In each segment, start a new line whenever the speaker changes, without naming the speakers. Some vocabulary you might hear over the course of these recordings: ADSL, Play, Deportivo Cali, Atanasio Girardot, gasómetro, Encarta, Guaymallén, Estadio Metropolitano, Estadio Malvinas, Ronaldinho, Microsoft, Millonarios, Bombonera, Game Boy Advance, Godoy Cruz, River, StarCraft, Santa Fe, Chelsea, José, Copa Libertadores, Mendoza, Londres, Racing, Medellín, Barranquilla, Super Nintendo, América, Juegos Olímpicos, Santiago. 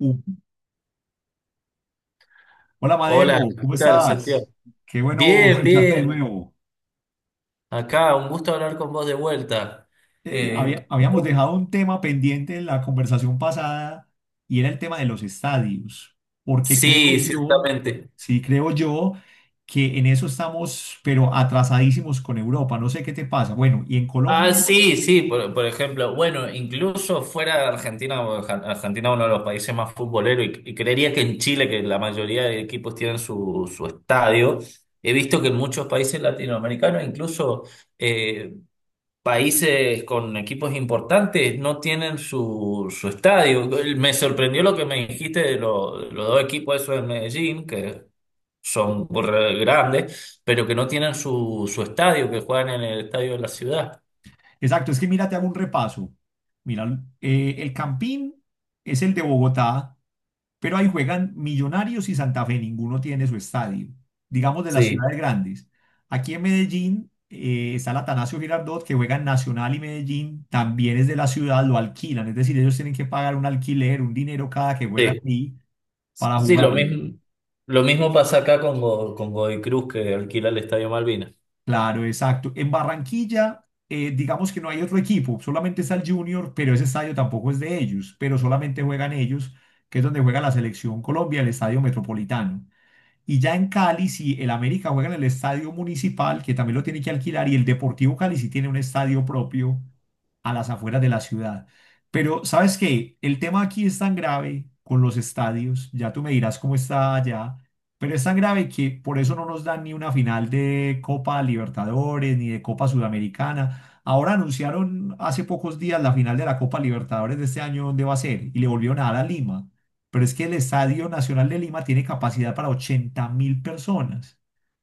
Uh, Hola
Hola,
Madeo, ¿cómo
¿qué tal, Santiago?
estás? Qué bueno
Bien,
escucharte de
bien.
nuevo.
Acá, un gusto hablar con vos de vuelta. Eh,
Habíamos dejado un tema pendiente en la conversación pasada y era el tema de los estadios, porque creo
sí,
yo,
ciertamente.
sí, creo yo que en eso estamos, pero atrasadísimos con Europa, no sé qué te pasa. Bueno, y en
Ah,
Colombia,
sí, sí, por ejemplo, bueno, incluso fuera de Argentina, porque Argentina es uno de los países más futboleros y creería que en Chile, que la mayoría de equipos tienen su estadio, he visto que en muchos países latinoamericanos, incluso eh, países con equipos importantes no tienen su estadio. Me sorprendió lo que me dijiste de, de los dos equipos esos de Medellín, que son re grandes, pero que no tienen su estadio, que juegan en el estadio de la ciudad.
exacto, es que mira, te hago un repaso. Mira, el Campín es el de Bogotá, pero ahí juegan Millonarios y Santa Fe, ninguno tiene su estadio, digamos de las
Sí,
ciudades grandes. Aquí en Medellín está el Atanasio Girardot, que juega en Nacional y Medellín, también es de la ciudad, lo alquilan, es decir, ellos tienen que pagar un alquiler, un dinero cada que juegan
sí,
ahí para
sí,
jugar.
lo mismo pasa acá con, con Godoy Cruz, que alquila el Estadio Malvinas.
Claro, exacto. En Barranquilla, digamos que no hay otro equipo, solamente está el Junior, pero ese estadio tampoco es de ellos, pero solamente juegan ellos, que es donde juega la selección Colombia, el Estadio Metropolitano. Y ya en Cali, si el América juega en el estadio municipal, que también lo tiene que alquilar, y el Deportivo Cali sí tiene un estadio propio a las afueras de la ciudad. Pero, ¿sabes qué? El tema aquí es tan grave con los estadios, ya tú me dirás cómo está allá, pero es tan grave que por eso no nos dan ni una final de Copa Libertadores ni de Copa Sudamericana. Ahora anunciaron hace pocos días la final de la Copa Libertadores de este año, ¿dónde va a ser? Y le volvieron a dar a Lima. Pero es que el Estadio Nacional de Lima tiene capacidad para 80.000 personas.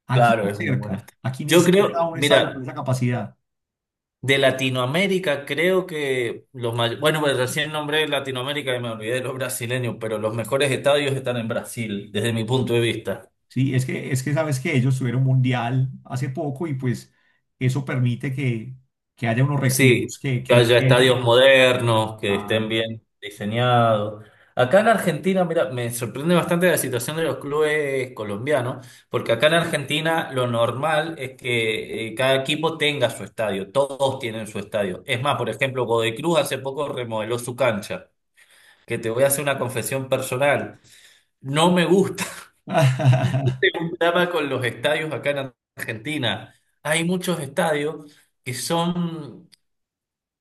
Claro, es un buen estadio.
Aquí ni
Yo
cerca a
creo,
un estadio con
mira,
esa capacidad.
de Latinoamérica, creo que los mayores, bueno, pues recién nombré Latinoamérica y me olvidé de los brasileños, pero los mejores estadios están en Brasil, desde mi punto de vista.
Sí, es que sabes que ellos tuvieron mundial hace poco y pues eso permite que haya unos
Sí,
recursos
que
que
haya estadios
ingresan.
modernos, que estén
Claro.
bien diseñados. Acá en Argentina, mira, me sorprende bastante la situación de los clubes colombianos, porque acá en Argentina lo normal es que cada equipo tenga su estadio, todos tienen su estadio. Es más, por ejemplo, Godoy Cruz hace poco remodeló su cancha, que te voy a hacer una confesión personal. No me gusta un drama con los estadios acá en Argentina. Hay muchos estadios que son,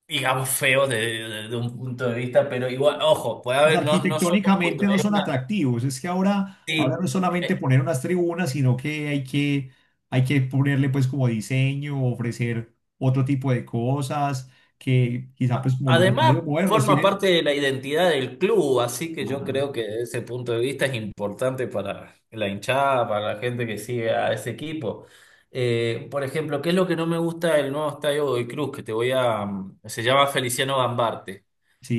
digamos, feos de, de un punto de vista, pero igual, ojo, puede
Pues
haber, no, no son los puntos,
arquitectónicamente no son atractivos. Es que ahora, ahora
sí.
no es solamente
Eh,
poner unas tribunas, sino que hay que, hay que ponerle pues como diseño, ofrecer otro tipo de cosas, que quizá pues como los
Además,
estadios modernos
forma
tienen.
parte de la identidad del club, así que yo
Ah,
creo que desde ese punto de vista es importante para la hinchada, para la gente que sigue a ese equipo. Por ejemplo, ¿qué es lo que no me gusta del nuevo estadio Godoy Cruz? Que te voy a... Se llama Feliciano Gambarte.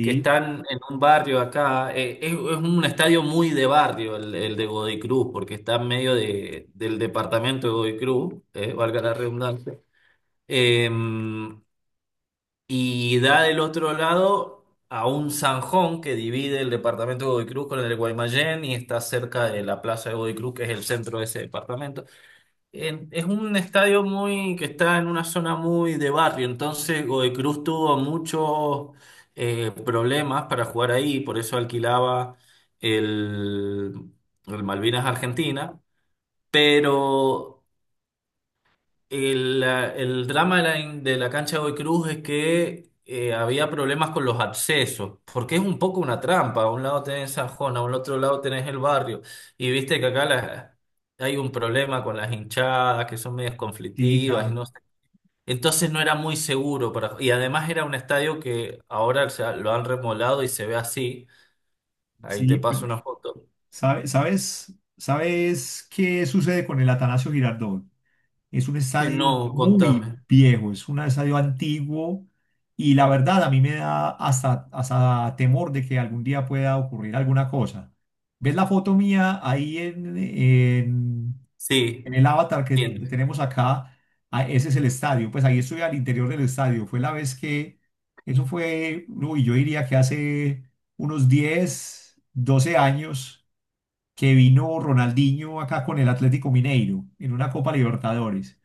Que están en un barrio acá. Es un estadio muy de barrio el de Godoy Cruz, porque está en medio del departamento de Godoy Cruz, valga la redundancia. Eh, y da del otro lado a un zanjón que divide el departamento de Godoy Cruz con el de Guaymallén y está cerca de la plaza de Godoy Cruz, que es el centro de ese departamento. Es un estadio muy que está en una zona muy de barrio, entonces Godoy Cruz tuvo muchos problemas para jugar ahí, por eso alquilaba el, el Malvinas Argentina, pero el drama de la cancha de Godoy Cruz es que había problemas con los accesos, porque es un poco una trampa. A un lado tenés San Juan, a un otro lado tenés el barrio, y viste que acá hay un problema con las hinchadas, que son medias
sí,
conflictivas, y
claro.
no sé. Entonces no era muy seguro para... Y además era un estadio que ahora lo han remolado y se ve así. Ahí te
Sí, pero
paso una foto.
¿sabes, sabes qué sucede con el Atanasio Girardot? Es un estadio
No,
muy
contame.
viejo, es un estadio antiguo y la verdad a mí me da hasta, hasta temor de que algún día pueda ocurrir alguna cosa. ¿Ves la foto mía ahí en
Sí,
el avatar que
bien.
tenemos acá? Ah, ese es el estadio, pues ahí estoy al interior del estadio. Fue la vez que, eso fue, uy, yo diría que hace unos 10, 12 años que vino Ronaldinho acá con el Atlético Mineiro en una Copa Libertadores.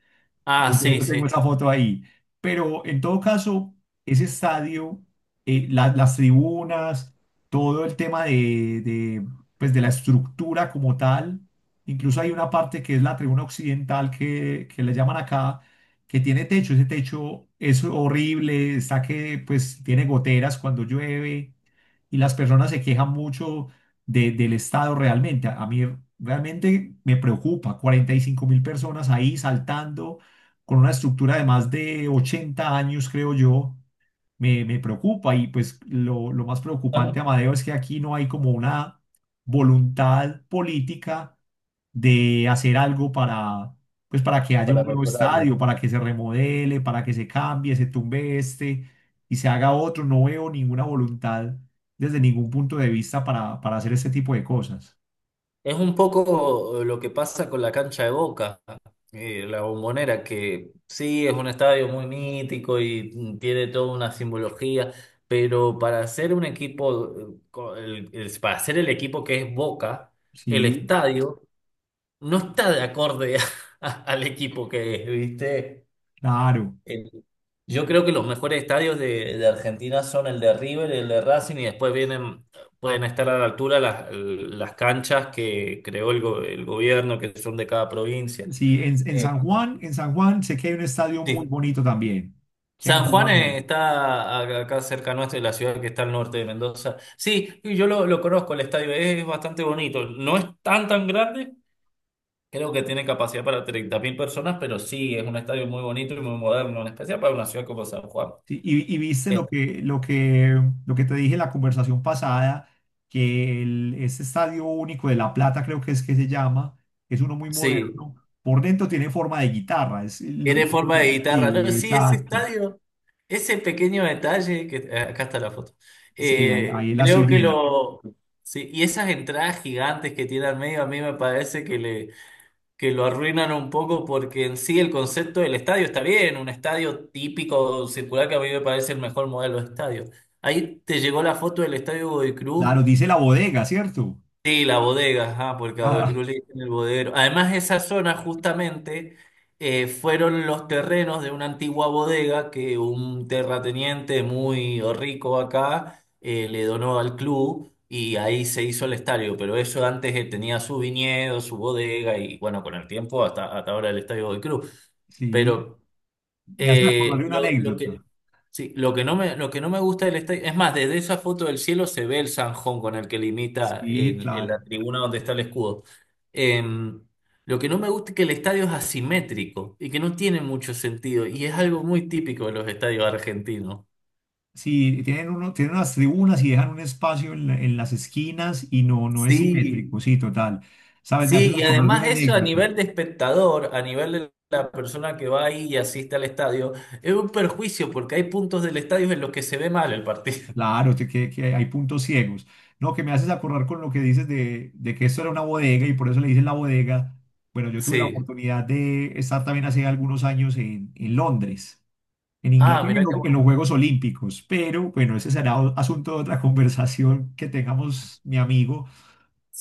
Ah,
Yo
sí,
tengo
sí.
esa foto ahí. Pero en todo caso, ese estadio, las tribunas, todo el tema de, pues de la estructura como tal, incluso hay una parte que es la tribuna occidental que le llaman acá, que tiene techo. Ese techo es horrible, está que pues tiene goteras cuando llueve y las personas se quejan mucho del estado realmente. A mí realmente me preocupa, 45 mil personas ahí saltando con una estructura de más de 80 años, creo yo, me preocupa. Y pues lo más
Ah,
preocupante, Amadeo, es que aquí no hay como una voluntad política de hacer algo para, pues para que haya
para
un nuevo
mejorarlo.
estadio, para que se remodele, para que se cambie, se tumbe este y se haga otro. No veo ninguna voluntad desde ningún punto de vista para hacer este tipo de cosas.
Es un poco lo que pasa con la cancha de Boca, la Bombonera, que sí es un estadio muy mítico y mm, tiene toda una simbología, pero para ser un equipo, para ser el equipo que es Boca, el
Sí,
estadio no está de acorde al equipo que es, ¿viste?
claro.
Eh, Yo creo que los mejores estadios de Argentina son el de River, el de Racing y después vienen, pueden estar a la altura las canchas que creó el gobierno, que son de cada provincia.
Sí,
Eh,
En San Juan sé que hay un estadio muy
sí.
bonito también, que han
San Juan
jugado.
está acá cerca nuestro, de la ciudad que está al norte de Mendoza. Sí, y yo lo conozco, el estadio es bastante bonito. No es tan grande, creo que tiene capacidad para 30.000 personas, pero sí, es un estadio muy bonito y muy moderno, en especial para una ciudad como San Juan.
Sí, y viste
Eh,
lo que, lo que, lo que te dije en la conversación pasada, que el, ese estadio único de La Plata creo que es que se llama, es uno muy
Sí,
moderno, por dentro tiene forma de guitarra. Lo
tiene forma de guitarra. No,
sí,
sí, ese
exacto.
estadio, ese pequeño detalle, que acá está la foto.
Sí, ahí, ahí la estoy
Creo que
viendo.
lo. Sí, y esas entradas gigantes que tiene al medio, a mí me parece que le, que lo arruinan un poco porque en sí el concepto del estadio está bien, un estadio típico circular que a mí me parece el mejor modelo de estadio. Ahí te llegó la foto del estadio Godoy
Claro,
Cruz.
dice la bodega, ¿cierto?
Sí, la bodega, ajá, porque a Godoy
Ah,
Cruz le dicen el bodeguero. Además, esa zona justamente fueron los terrenos de una antigua bodega que un terrateniente muy rico acá le donó al club y ahí se hizo el estadio. Pero eso antes tenía su viñedo, su bodega y bueno, con el tiempo hasta, hasta ahora el estadio Godoy Cruz.
sí,
Pero
me hace acordar de una
lo que...
anécdota.
Sí, lo que no me, lo que no me gusta del estadio, es más, desde esa foto del cielo se ve el zanjón con el que limita
Sí,
la
claro.
tribuna donde está el escudo. Eh, lo que no me gusta es que el estadio es asimétrico y que no tiene mucho sentido y es algo muy típico de los estadios argentinos.
Sí, tienen, uno, tienen unas tribunas y dejan un espacio en las esquinas y no, no es
Sí,
simétrico, sí, total. ¿Sabes? Me haces
sí, y
acordar de
además
una
eso a
anécdota.
nivel de espectador, a nivel de la persona que va ahí y asiste al estadio, es un perjuicio porque hay puntos del estadio en los que se ve mal el partido.
Claro, te- que hay puntos ciegos. No, que me haces acordar con lo que dices de que esto era una bodega y por eso le dicen la bodega. Bueno, yo tuve la
Sí.
oportunidad de estar también hace algunos años en Londres, en
Ah,
Inglaterra,
mirá qué
en los
bueno.
Juegos Olímpicos. Pero bueno, ese será asunto de otra conversación que tengamos, mi amigo.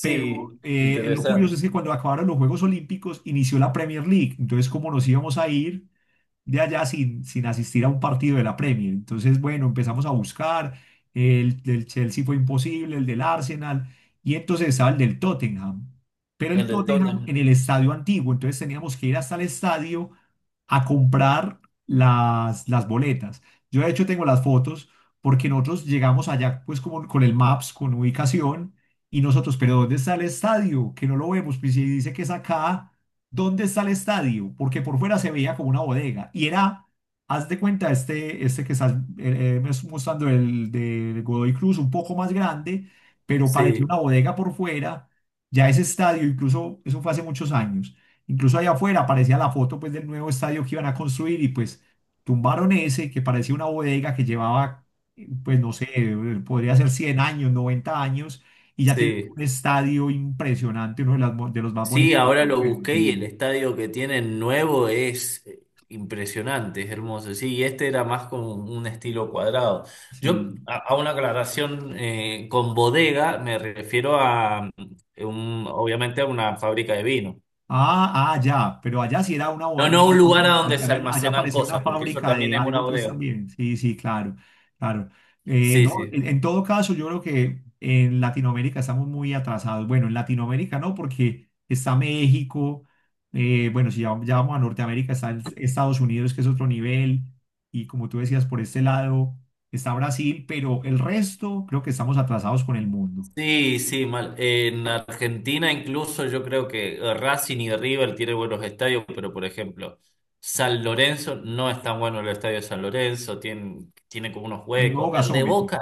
Pero lo curioso es
interesante.
que cuando acabaron los Juegos Olímpicos inició la Premier League. Entonces, ¿cómo nos íbamos a ir? De allá sin, sin asistir a un partido de la Premier. Entonces, bueno, empezamos a buscar, el del Chelsea fue imposible, el del Arsenal, y entonces estaba el del Tottenham, pero
El
el
de
Tottenham
Tottenham.
en el estadio antiguo, entonces teníamos que ir hasta el estadio a comprar las boletas. Yo de hecho tengo las fotos porque nosotros llegamos allá pues como con el Maps, con ubicación, y nosotros, pero ¿dónde está el estadio? Que no lo vemos, pues si dice que es acá. ¿Dónde está el estadio? Porque por fuera se veía como una bodega. Y era, haz de cuenta, este que estás, me estás mostrando, el de Godoy Cruz, un poco más grande, pero parecía una
Sí,
bodega por fuera. Ya ese estadio, incluso, eso fue hace muchos años. Incluso allá afuera aparecía la foto pues, del nuevo estadio que iban a construir y pues tumbaron ese que parecía una bodega que llevaba, pues no sé, podría ser 100 años, 90 años y ya tiene
sí.
un estadio impresionante, uno de los más
Sí,
bonitos.
ahora lo busqué y el
Sí.
estadio que tienen nuevo es impresionante, es hermoso. Sí, y este era más con un estilo cuadrado. Yo,
Sí.
a una aclaración con bodega, me refiero a, obviamente, a una fábrica de vino.
Ah, ah, ya, pero allá sí era una,
No,
bo-
no un
u-
lugar
u-
a donde se
allá allá
almacenan
parecía una
cosas, porque eso
fábrica
también
de
es una
algo, pues
bodega.
también. Sí, sí, claro, claro.
Sí,
No,
sí.
en todo caso, yo creo que en Latinoamérica estamos muy atrasados. Bueno, en Latinoamérica no, porque está México, bueno, si ya, ya vamos a Norteamérica, está el- Estados Unidos, que es otro nivel, y como tú decías, por este lado está Brasil, pero el resto creo que estamos atrasados con el mundo.
Sí, sí, mal. En Argentina incluso yo creo que Racing y River tienen buenos estadios, pero por ejemplo, San Lorenzo no es tan bueno el estadio de San Lorenzo, tiene, tiene como unos
El nuevo
huecos. El de
gasómetro.
Boca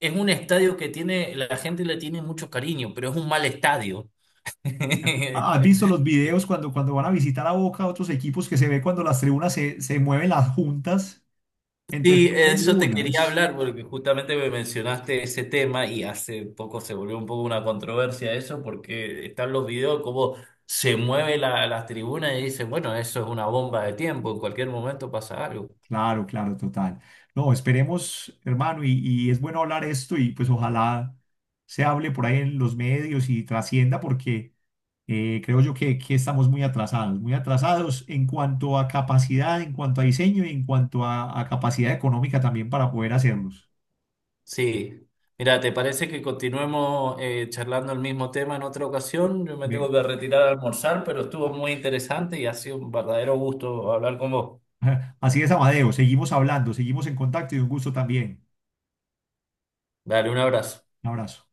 es un estadio que tiene, la gente le tiene mucho cariño, pero es un mal estadio.
Ah, ¿has visto los videos cuando, cuando van a visitar a Boca otros equipos que se ve cuando las tribunas se, se mueven las juntas entre
Sí,
tribuna y
eso te
tribuna?
quería
Es,
hablar porque justamente me mencionaste ese tema y hace poco se volvió un poco una controversia eso porque están los videos como se mueve la, las tribunas y dicen, bueno, eso es una bomba de tiempo, en cualquier momento pasa algo.
claro, claro, total. No, esperemos, hermano, y es bueno hablar esto y pues ojalá se hable por ahí en los medios y trascienda porque creo yo que estamos muy atrasados en cuanto a capacidad, en cuanto a diseño y en cuanto a capacidad económica también para poder hacerlos.
Sí, mira, ¿te parece que continuemos charlando el mismo tema en otra ocasión? Yo me tengo que
Bien.
retirar a almorzar, pero estuvo muy interesante y ha sido un verdadero gusto hablar con vos.
Así es, Amadeo, seguimos hablando, seguimos en contacto y un gusto también.
Dale, un abrazo.
Un abrazo.